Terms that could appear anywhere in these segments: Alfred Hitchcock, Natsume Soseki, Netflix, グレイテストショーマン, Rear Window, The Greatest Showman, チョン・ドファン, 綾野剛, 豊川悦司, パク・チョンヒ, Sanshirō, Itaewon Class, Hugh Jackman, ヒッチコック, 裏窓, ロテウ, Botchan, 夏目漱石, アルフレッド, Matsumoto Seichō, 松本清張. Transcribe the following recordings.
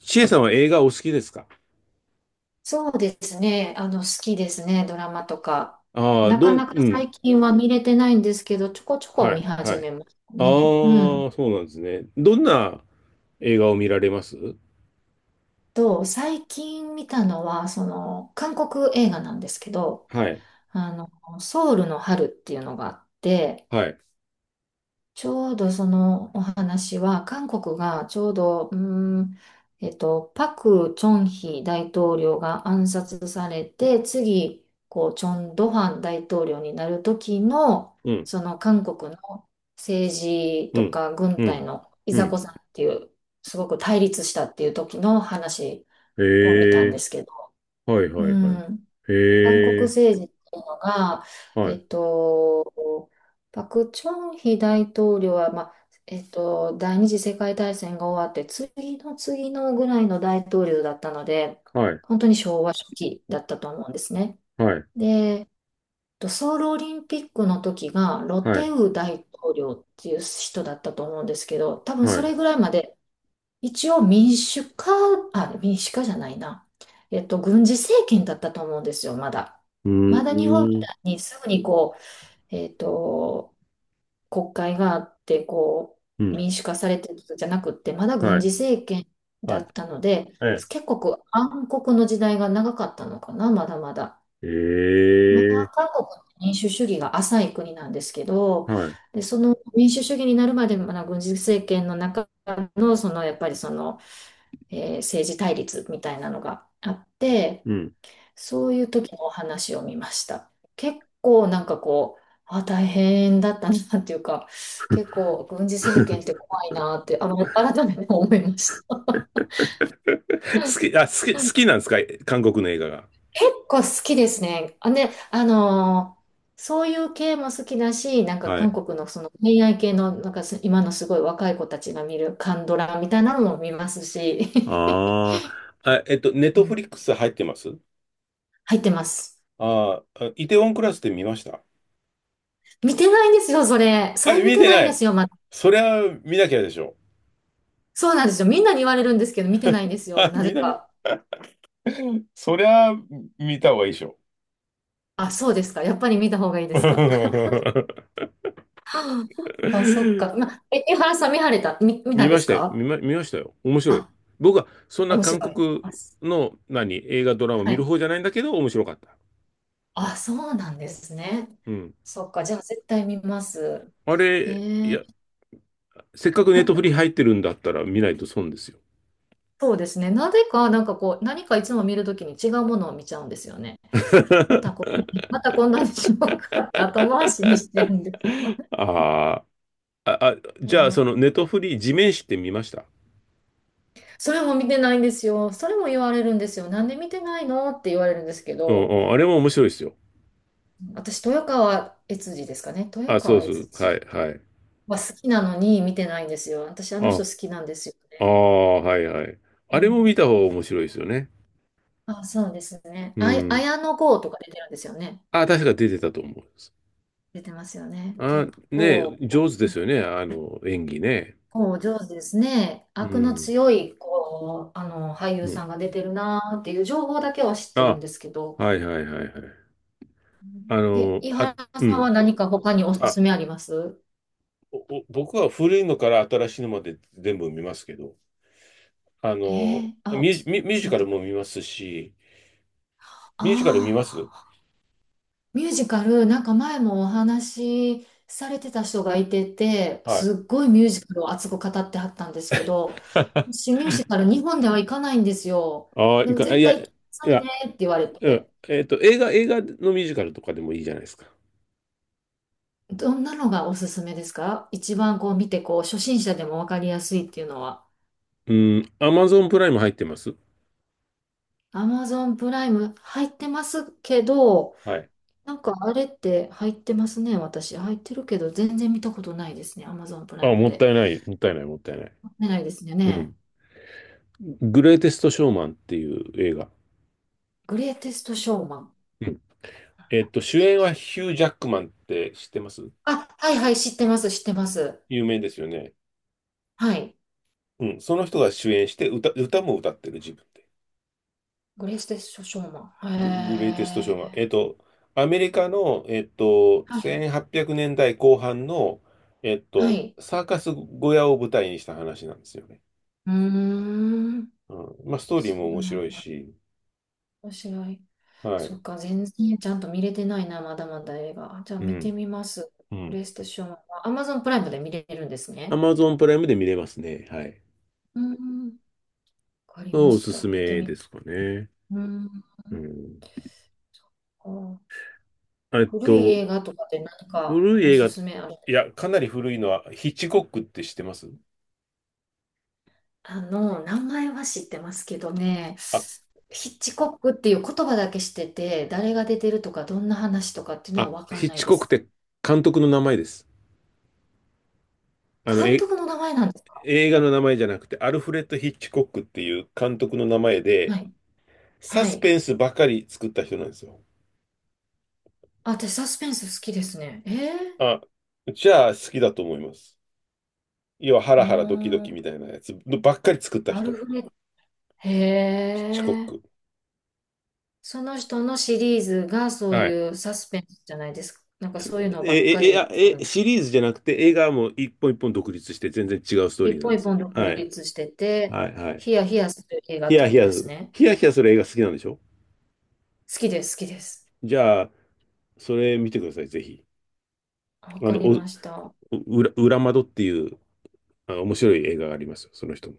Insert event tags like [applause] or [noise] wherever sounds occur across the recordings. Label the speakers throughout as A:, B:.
A: シエさんは映画お好きですか？
B: そうですね。好きですね、ドラマとか。
A: ああー、
B: なかな
A: う
B: か
A: ん。
B: 最近は見れてないんですけど、ちょこちょこ
A: はい、
B: 見
A: はい。
B: 始
A: あ
B: めましたね。う
A: あ、そ
B: ん。
A: うなんですね。どんな映画を見られます？
B: 最近見たのは、韓国映画なんですけど、
A: はい、
B: あの、ソウルの春っていうのがあって、
A: はい。
B: ちょうどそのお話は、韓国がちょうど、ん、パク・チョンヒ大統領が暗殺されて、次、こう、チョン・ドファン大統領になる時の、
A: うん、
B: その韓国の政治
A: う
B: と
A: ん、
B: か軍
A: う
B: 隊
A: ん、
B: のい
A: う
B: ざこ
A: ん。
B: ざっていう、すごく対立したっていう時の話
A: へ
B: を見たん
A: え、
B: ですけど、
A: はい、
B: う
A: はい、はい。
B: ん。韓国
A: へえ、
B: 政治っていうのが、
A: は
B: え
A: い、
B: っと、パク・チョンヒ大統領は、第二次世界大戦が終わって、次の次のぐらいの大統領だったので、
A: はい、
B: 本当に昭和初期だったと思うんですね。
A: はい、
B: で、ソウルオリンピックの時がロ
A: は
B: テ
A: い、
B: ウ大統領っていう人だったと思うんですけど、多分
A: は
B: そ
A: い。
B: れ
A: う
B: ぐらいまで一応民主化、あ、民主化じゃないな。軍事政権だったと思うんですよ、まだ。
A: ー
B: まだ日本み
A: ん、
B: たいにすぐにこう、えっと、国会があって、こ
A: う
B: う、
A: ん、
B: 民主化されてるじゃなくって、まだ
A: は
B: 軍事
A: い、
B: 政権だ
A: はい、
B: ったので、
A: え
B: 結構暗黒の時代が長かったのかな、まだまだ。
A: え、へ
B: ま
A: え、
B: だ韓国の民主主義が浅い国なんですけど、
A: はい、
B: で、その民主主義になるまで、まだ軍事政権の中の、そのやっぱりその、政治対立みたいなのがあって、
A: うん。
B: そういう時のお話を見ました。結構なんかこう、あ、大変だったなっていうか、結構軍事政権って怖いなって、改めて思いました。
A: [laughs] 好き、あ、好き、好きなんですか？韓国の映画が。
B: 結構好きですね。あ、ね、そういう系も好きだし、なんか
A: は
B: 韓
A: い。
B: 国のその恋愛系の、なんかす今のすごい若い子たちが見るカンドラみたいなのも見ますし、
A: ああ、ネッ
B: [laughs] う
A: トフ
B: ん
A: リックス入ってます？
B: 入ってます。
A: あーあ、イテウォンクラスって見ました？
B: 見てないんですよ、それ。そ
A: あ、
B: れ見
A: 見
B: て
A: て
B: ない
A: な
B: んで
A: い。
B: すよ、まだ。
A: そりゃ見なきゃでしょ。
B: そうなんですよ。みんなに言われるんですけど、見てないんですよ。
A: あ、
B: なぜ
A: 見なきゃ。
B: か。
A: そりゃ見た方がいいでしょ。
B: あ、そうですか。やっぱり見た方がいいですか。[laughs]
A: [laughs]
B: はあ、あそっか。江原さん見られた、見、見た
A: 見
B: んで
A: まし
B: す
A: たよ。
B: か？
A: 見ましたよ。面白い。
B: あ、
A: 僕はそんな
B: 面
A: 韓
B: 白い。
A: 国の映画ドラマ
B: は
A: 見る
B: い。
A: 方じゃないんだけど面白かった。
B: あ、そうなんですね。
A: うん。
B: そっか。じゃあ、絶対見ます。
A: あ
B: え
A: れ、いや、
B: ー、
A: せっかくネットフリ入ってるんだったら見ないと損ですよ。
B: そうですね。なぜか、なんかこう、何かいつも見るときに違うものを見ちゃうんですよね。
A: [laughs]
B: またこんなにしようかって後回しにしてるんですよ。
A: ああ。あ、
B: う
A: じゃあ、
B: ん、
A: そのネトフリー地面師って見ました？
B: それも見てないんですよ。それも言われるんですよ。なんで見てないのって言われるんですけ
A: うん
B: ど、
A: うん。あれも面白いですよ。
B: 私、豊川悦司ですかね。豊
A: あ、そう
B: 川
A: そ
B: 悦
A: う。はい、
B: 司
A: はい。
B: は好きなのに見てないんですよ。私、あの
A: あ、
B: 人好きなんですよ
A: あ
B: ね。
A: あ、はいはい。
B: う
A: あれも
B: ん、
A: 見た方が面白いですよね。
B: あ、そうですね。
A: うん。
B: 綾野剛とか出てるんですよね。
A: あ、確か出てたと思います。
B: 出てますよね。
A: あ、
B: 結
A: ね
B: 構、
A: え、上手ですよね。演技ね。
B: こう上手ですね。
A: う
B: 悪の
A: ん。
B: 強い、こう、俳優
A: うん。
B: さんが出てるなーっていう情報だけは知ってるん
A: あ、
B: ですけど。
A: はいはいはいはい。あ
B: え、
A: の、
B: 井
A: あ、
B: 原
A: う
B: さんは
A: ん。
B: 何か他におす
A: あ、
B: すめあります？
A: おお僕は古いのから新しいのまで全部見ますけど、
B: えー、あ、
A: ミュージ
B: 教え
A: カ
B: て
A: ル
B: もら
A: も
B: っ
A: 見ますし、
B: た。
A: ミュージカル見
B: あ
A: ます？
B: あ、ミュージカル、なんか前もお話しされてた人がいてて、
A: はい。
B: すっごいミュージカルを熱く語ってはったんですけど、私
A: [laughs]
B: ミュージカル日本では行かないんですよ。
A: ああ、
B: でも
A: い
B: 絶
A: や、
B: 対行っ
A: い
B: てください
A: や、
B: ねって言われ
A: うん。
B: て、
A: 映画のミュージカルとかでもいいじゃないですか。
B: どんなのがおすすめですか？一番こう見て、こう初心者でもわかりやすいっていうのは。
A: うん。アマゾンプライム入ってます？
B: Amazon プライム入ってますけど、
A: はい。
B: なんかあれって入ってますね、私。入ってるけど、全然見たことないですね、Amazon プラ
A: あ、
B: イム
A: もっ
B: で。
A: たいない、もったいない、もったいない。
B: 見ないですよ
A: う
B: ね。
A: ん。グレイテスト・ショーマンっていう映画。
B: グレイテストショーマン。
A: うん。主演はヒュー・ジャックマンって知ってます？
B: あ、はいはい、知ってます、知ってます。
A: 有名ですよね。
B: はい。
A: うん。その人が主演して歌も歌ってる自分で。
B: グレイテストショーマン。
A: グ、グレイテストショ
B: へ
A: ーマン。
B: え。
A: アメリカの、
B: はい。
A: 1800年代後半の、
B: はい。
A: サーカス小屋を舞台にした話なんですよね。
B: うーん。
A: うん。まあ、ストーリー
B: そ
A: も
B: う
A: 面
B: なん
A: 白い
B: だ。
A: し、
B: 面白い。
A: は
B: そ
A: い。
B: っか、全然ちゃんと見れてないな、まだまだ映画。じゃあ
A: う
B: 見て
A: ん。
B: みます。
A: う
B: グレ
A: ん。
B: イテストショーマンは Amazon プライムで見れるんです
A: ア
B: ね。
A: マゾンプライムで見れますね。はい。
B: うん。わかりま
A: お
B: し
A: す
B: た。
A: す
B: 見て
A: め
B: み、
A: で
B: う
A: すかね。
B: ーん。
A: うん。
B: あ、
A: えっ
B: 古い
A: と、
B: 映画とかで何か
A: 古い
B: お
A: 映
B: す
A: 画、
B: すめある？
A: いや、かなり古いのは、ヒッチコックって知ってます？
B: あの、名前は知ってますけどね、
A: あ、
B: ヒッチコックっていう言葉だけ知ってて、誰が出てるとか、どんな話とかっていうの
A: あ、
B: はわか
A: ヒ
B: ん
A: ッ
B: ない
A: チ
B: で
A: コック
B: す。
A: って監督の名前です。あの、
B: 監
A: え、
B: 督の名前なんですか？
A: 映画の名前じゃなくて、アルフレッド・ヒッチコックっていう監督の名前で、
B: はい。
A: サ
B: は
A: ス
B: い。
A: ペンスばかり作った人なんですよ。
B: あ、私サスペンス好きですね。えー、
A: あ、じゃあ好きだと思います。要はハ
B: うー
A: ラハラドキド
B: ん、
A: キみたいなやつばっかり作った
B: アル
A: 人、
B: フレッド。へ
A: ヒッチコッ
B: え。
A: ク。
B: その人のシリーズがそう
A: はい。
B: いうサスペンスじゃないですか。なんかそういうの
A: え、
B: ばっか
A: え、え、あ
B: り作
A: え、
B: る？
A: シリーズじゃなくて映画も一本一本独立して全然違うストー
B: 一
A: リーなん
B: 本
A: で
B: 一
A: す。
B: 本独
A: はい。
B: 立してて、
A: はい、はい。
B: ヒヤヒヤする映画
A: ヒ
B: って
A: ヤヒ
B: こと
A: ヤ
B: で
A: す
B: す
A: る、
B: ね。
A: ヒヤヒヤする映画好きなんでしょ？
B: 好きです、好きです。
A: じゃあ、それ見てください、ぜひ。
B: わ
A: あ
B: か
A: の、
B: り
A: お、
B: ました。
A: 裏窓っていう面白い映画がありますよ、その人も。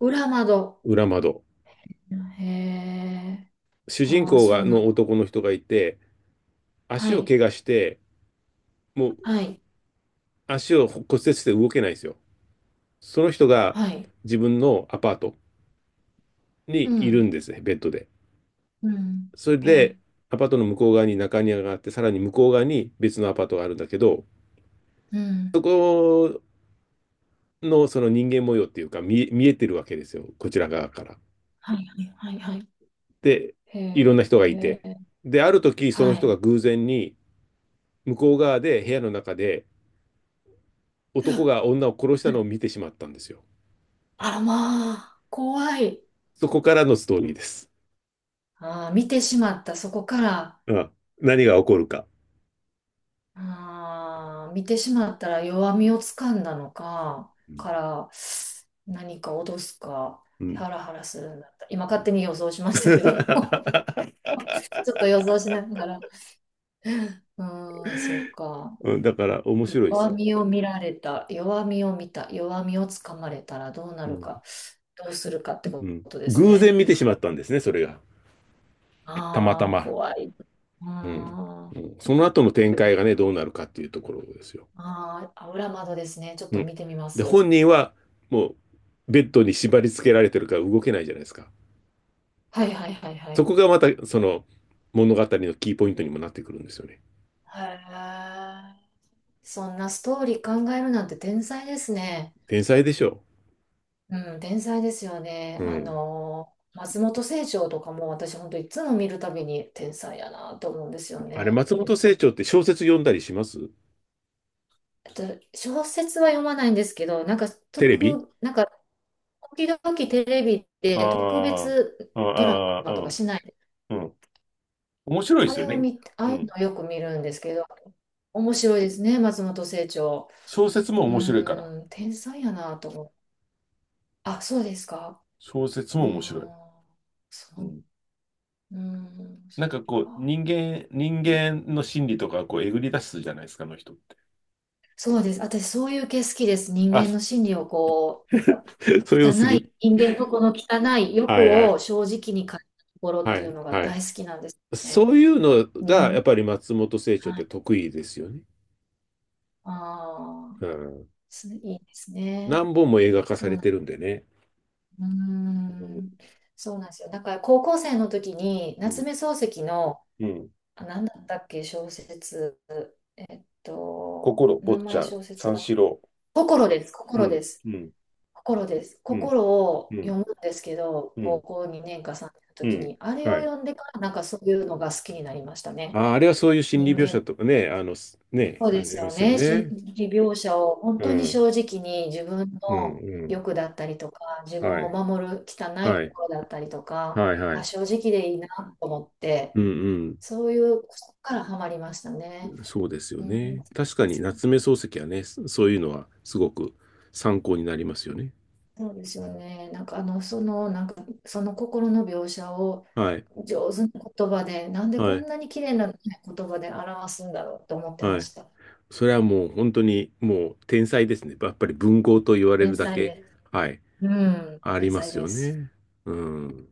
B: 裏窓。
A: 裏窓。
B: へえ。
A: 主人
B: ああ、
A: 公
B: そ
A: が
B: うな
A: の
B: の。
A: 男の人がいて、
B: は
A: 足を
B: い、
A: 怪我して、もう
B: はい、
A: 足を骨折して動けないんですよ。その人が
B: はい。
A: 自分のアパート
B: う
A: にいる
B: ん、
A: んですね、ベッドで。
B: うん。
A: それ
B: へ
A: で、
B: い、
A: アパートの向こう側に中庭があって、さらに向こう側に別のアパートがあるんだけど、
B: うん。
A: そこのその人間模様っていうか見えてるわけですよ、こちら側から。
B: はい、はい、はい、はい。
A: で、
B: へ
A: いろんな
B: え、
A: 人がい
B: へ
A: て。
B: ー、
A: で、ある時、その
B: は
A: 人が
B: い。
A: 偶然に向こう側で部屋の中で男が女を殺したのを見てしまったんですよ。
B: あらまあ、怖い。
A: そこからのストーリーです。
B: ああ、見てしまった、そこから。
A: うん、何が起こるか。
B: あー見てしまったら弱みをつかんだのか、
A: う
B: から何か脅すか、
A: んう
B: ハラハラするんだった。今勝
A: ん
B: 手に予想しましたけど、[laughs]
A: [laughs]
B: ちょっと予想しながら。うーん、そうか。
A: だから面白いです
B: 弱
A: よ、
B: みを見られた、弱みを見た、弱みをつかまれたらどうな
A: う
B: る
A: ん
B: か、どうするかって
A: う
B: こ
A: ん。
B: とです
A: 偶然
B: ね。
A: 見てしまったんですね、それが。たまた
B: ああ、
A: ま。
B: 怖い。
A: うん
B: あ
A: う
B: ー、
A: んその後の展開がね、どうなるかっていうところですよ。
B: あー、あ裏窓ですね。ちょっ
A: う
B: と
A: ん、
B: 見てみま
A: で、
B: す。
A: 本人はもうベッドに縛り付けられてるから動けないじゃないですか。
B: はいはいはいは
A: そ
B: い。
A: こがまたその物語のキーポイントにもなってくるんですよね。
B: へえ。そんなストーリー考えるなんて天才ですね。
A: 天才でしょ
B: うん、天才ですよね。
A: う。うん。
B: 松本清張とかも私本当いつも見るたびに天才やなと思うんですよ
A: あれ、
B: ね。
A: 松本清張って小説読んだりします？
B: あと小説は読まないんですけど、なんか
A: テレビ。
B: 特、なんか時々テレビで特
A: あ
B: 別
A: あ、
B: ドラ
A: あ
B: マ
A: あ、
B: と
A: う
B: か
A: ん、
B: しないで、
A: うん。面白いで
B: あ
A: すよ
B: れを
A: ね。
B: 見、あ
A: う
B: あいう
A: ん。
B: のよく見るんですけど、面白いですね、松本清張。
A: 小説も
B: う
A: 面白いから。
B: ーん、天才やなと思う。あ、そうですか。
A: 小説
B: うー
A: も
B: ん。
A: 面白い。
B: そ
A: う
B: う、
A: ん。
B: うん、そ
A: な
B: っ
A: んかこう、
B: か。
A: 人間、人
B: い、
A: 間の心理とか、こう、えぐり出すじゃないですか、あの人。
B: そうです。私、そういう系好きです。人
A: あ、
B: 間の心理をこう、
A: [laughs] そういうの
B: 汚
A: 好
B: い、
A: き？
B: 人間のこの汚い
A: は
B: 欲
A: いは
B: を
A: い。
B: 正直に変えたところっ
A: は
B: ていう
A: い、
B: のが
A: はい。
B: 大好きなんですね。
A: そういうのが、やっ
B: 人、
A: ぱり松本清張っ
B: は
A: て
B: い。
A: 得意ですよね。
B: ああ、
A: うん。
B: すいいですね。
A: 何本も映画化
B: そ
A: さ
B: う
A: れ
B: な
A: て
B: ん、
A: るんでね。
B: うー
A: うん、
B: ん、そうなんですよ。だから高校生の時に
A: う
B: 夏
A: ん、
B: 目漱石の、
A: うん。
B: あ、何だったっけ、小説、えっと、
A: 心、坊
B: 名
A: ち
B: 前
A: ゃん、
B: 小説
A: 三
B: は、
A: 四郎、
B: 心です、
A: う
B: 心で
A: ん、
B: す。
A: うん、
B: 心です。
A: うん、
B: 心
A: う
B: を
A: ん、
B: 読むんですけど、
A: う
B: 高
A: ん、
B: 校2年か3年の
A: う
B: 時に、
A: ん。
B: あれ
A: は
B: を
A: い。
B: 読んでからなんかそういうのが好きになりましたね。
A: あ、あれはそういう心
B: 人
A: 理描
B: 間
A: 写
B: の、
A: とかね、
B: そう
A: あ
B: です
A: りま
B: よ
A: すよ
B: ね。心
A: ね。
B: 理描写を本
A: う
B: 当に
A: ん、
B: 正直に自分
A: うん、
B: の
A: うん。
B: 欲だったりとか、自分
A: は
B: を
A: い、
B: 守る汚い
A: はい、
B: 心だったりとか、
A: はい、は
B: あ、
A: い。
B: 正直でいいなと思って、
A: うん、
B: そういう、そこからハマりましたね。
A: うん。そうですよ
B: うん、
A: ね。確かに夏目漱石はね、そういうのはすごく参考になりますよね。
B: そうですよね。その心の描写を
A: はい、
B: 上手な言葉で、なんで
A: は
B: こん
A: い、
B: なに綺麗な言葉で表すんだろうと思って
A: は
B: ま
A: い。
B: した。
A: それはもう本当にもう天才ですね。やっぱり文豪と言われ
B: 天
A: るだ
B: 才
A: け、
B: で
A: はい、
B: す。うん、
A: あり
B: 天
A: ま
B: 才
A: す
B: で
A: よ
B: す。
A: ね。うん。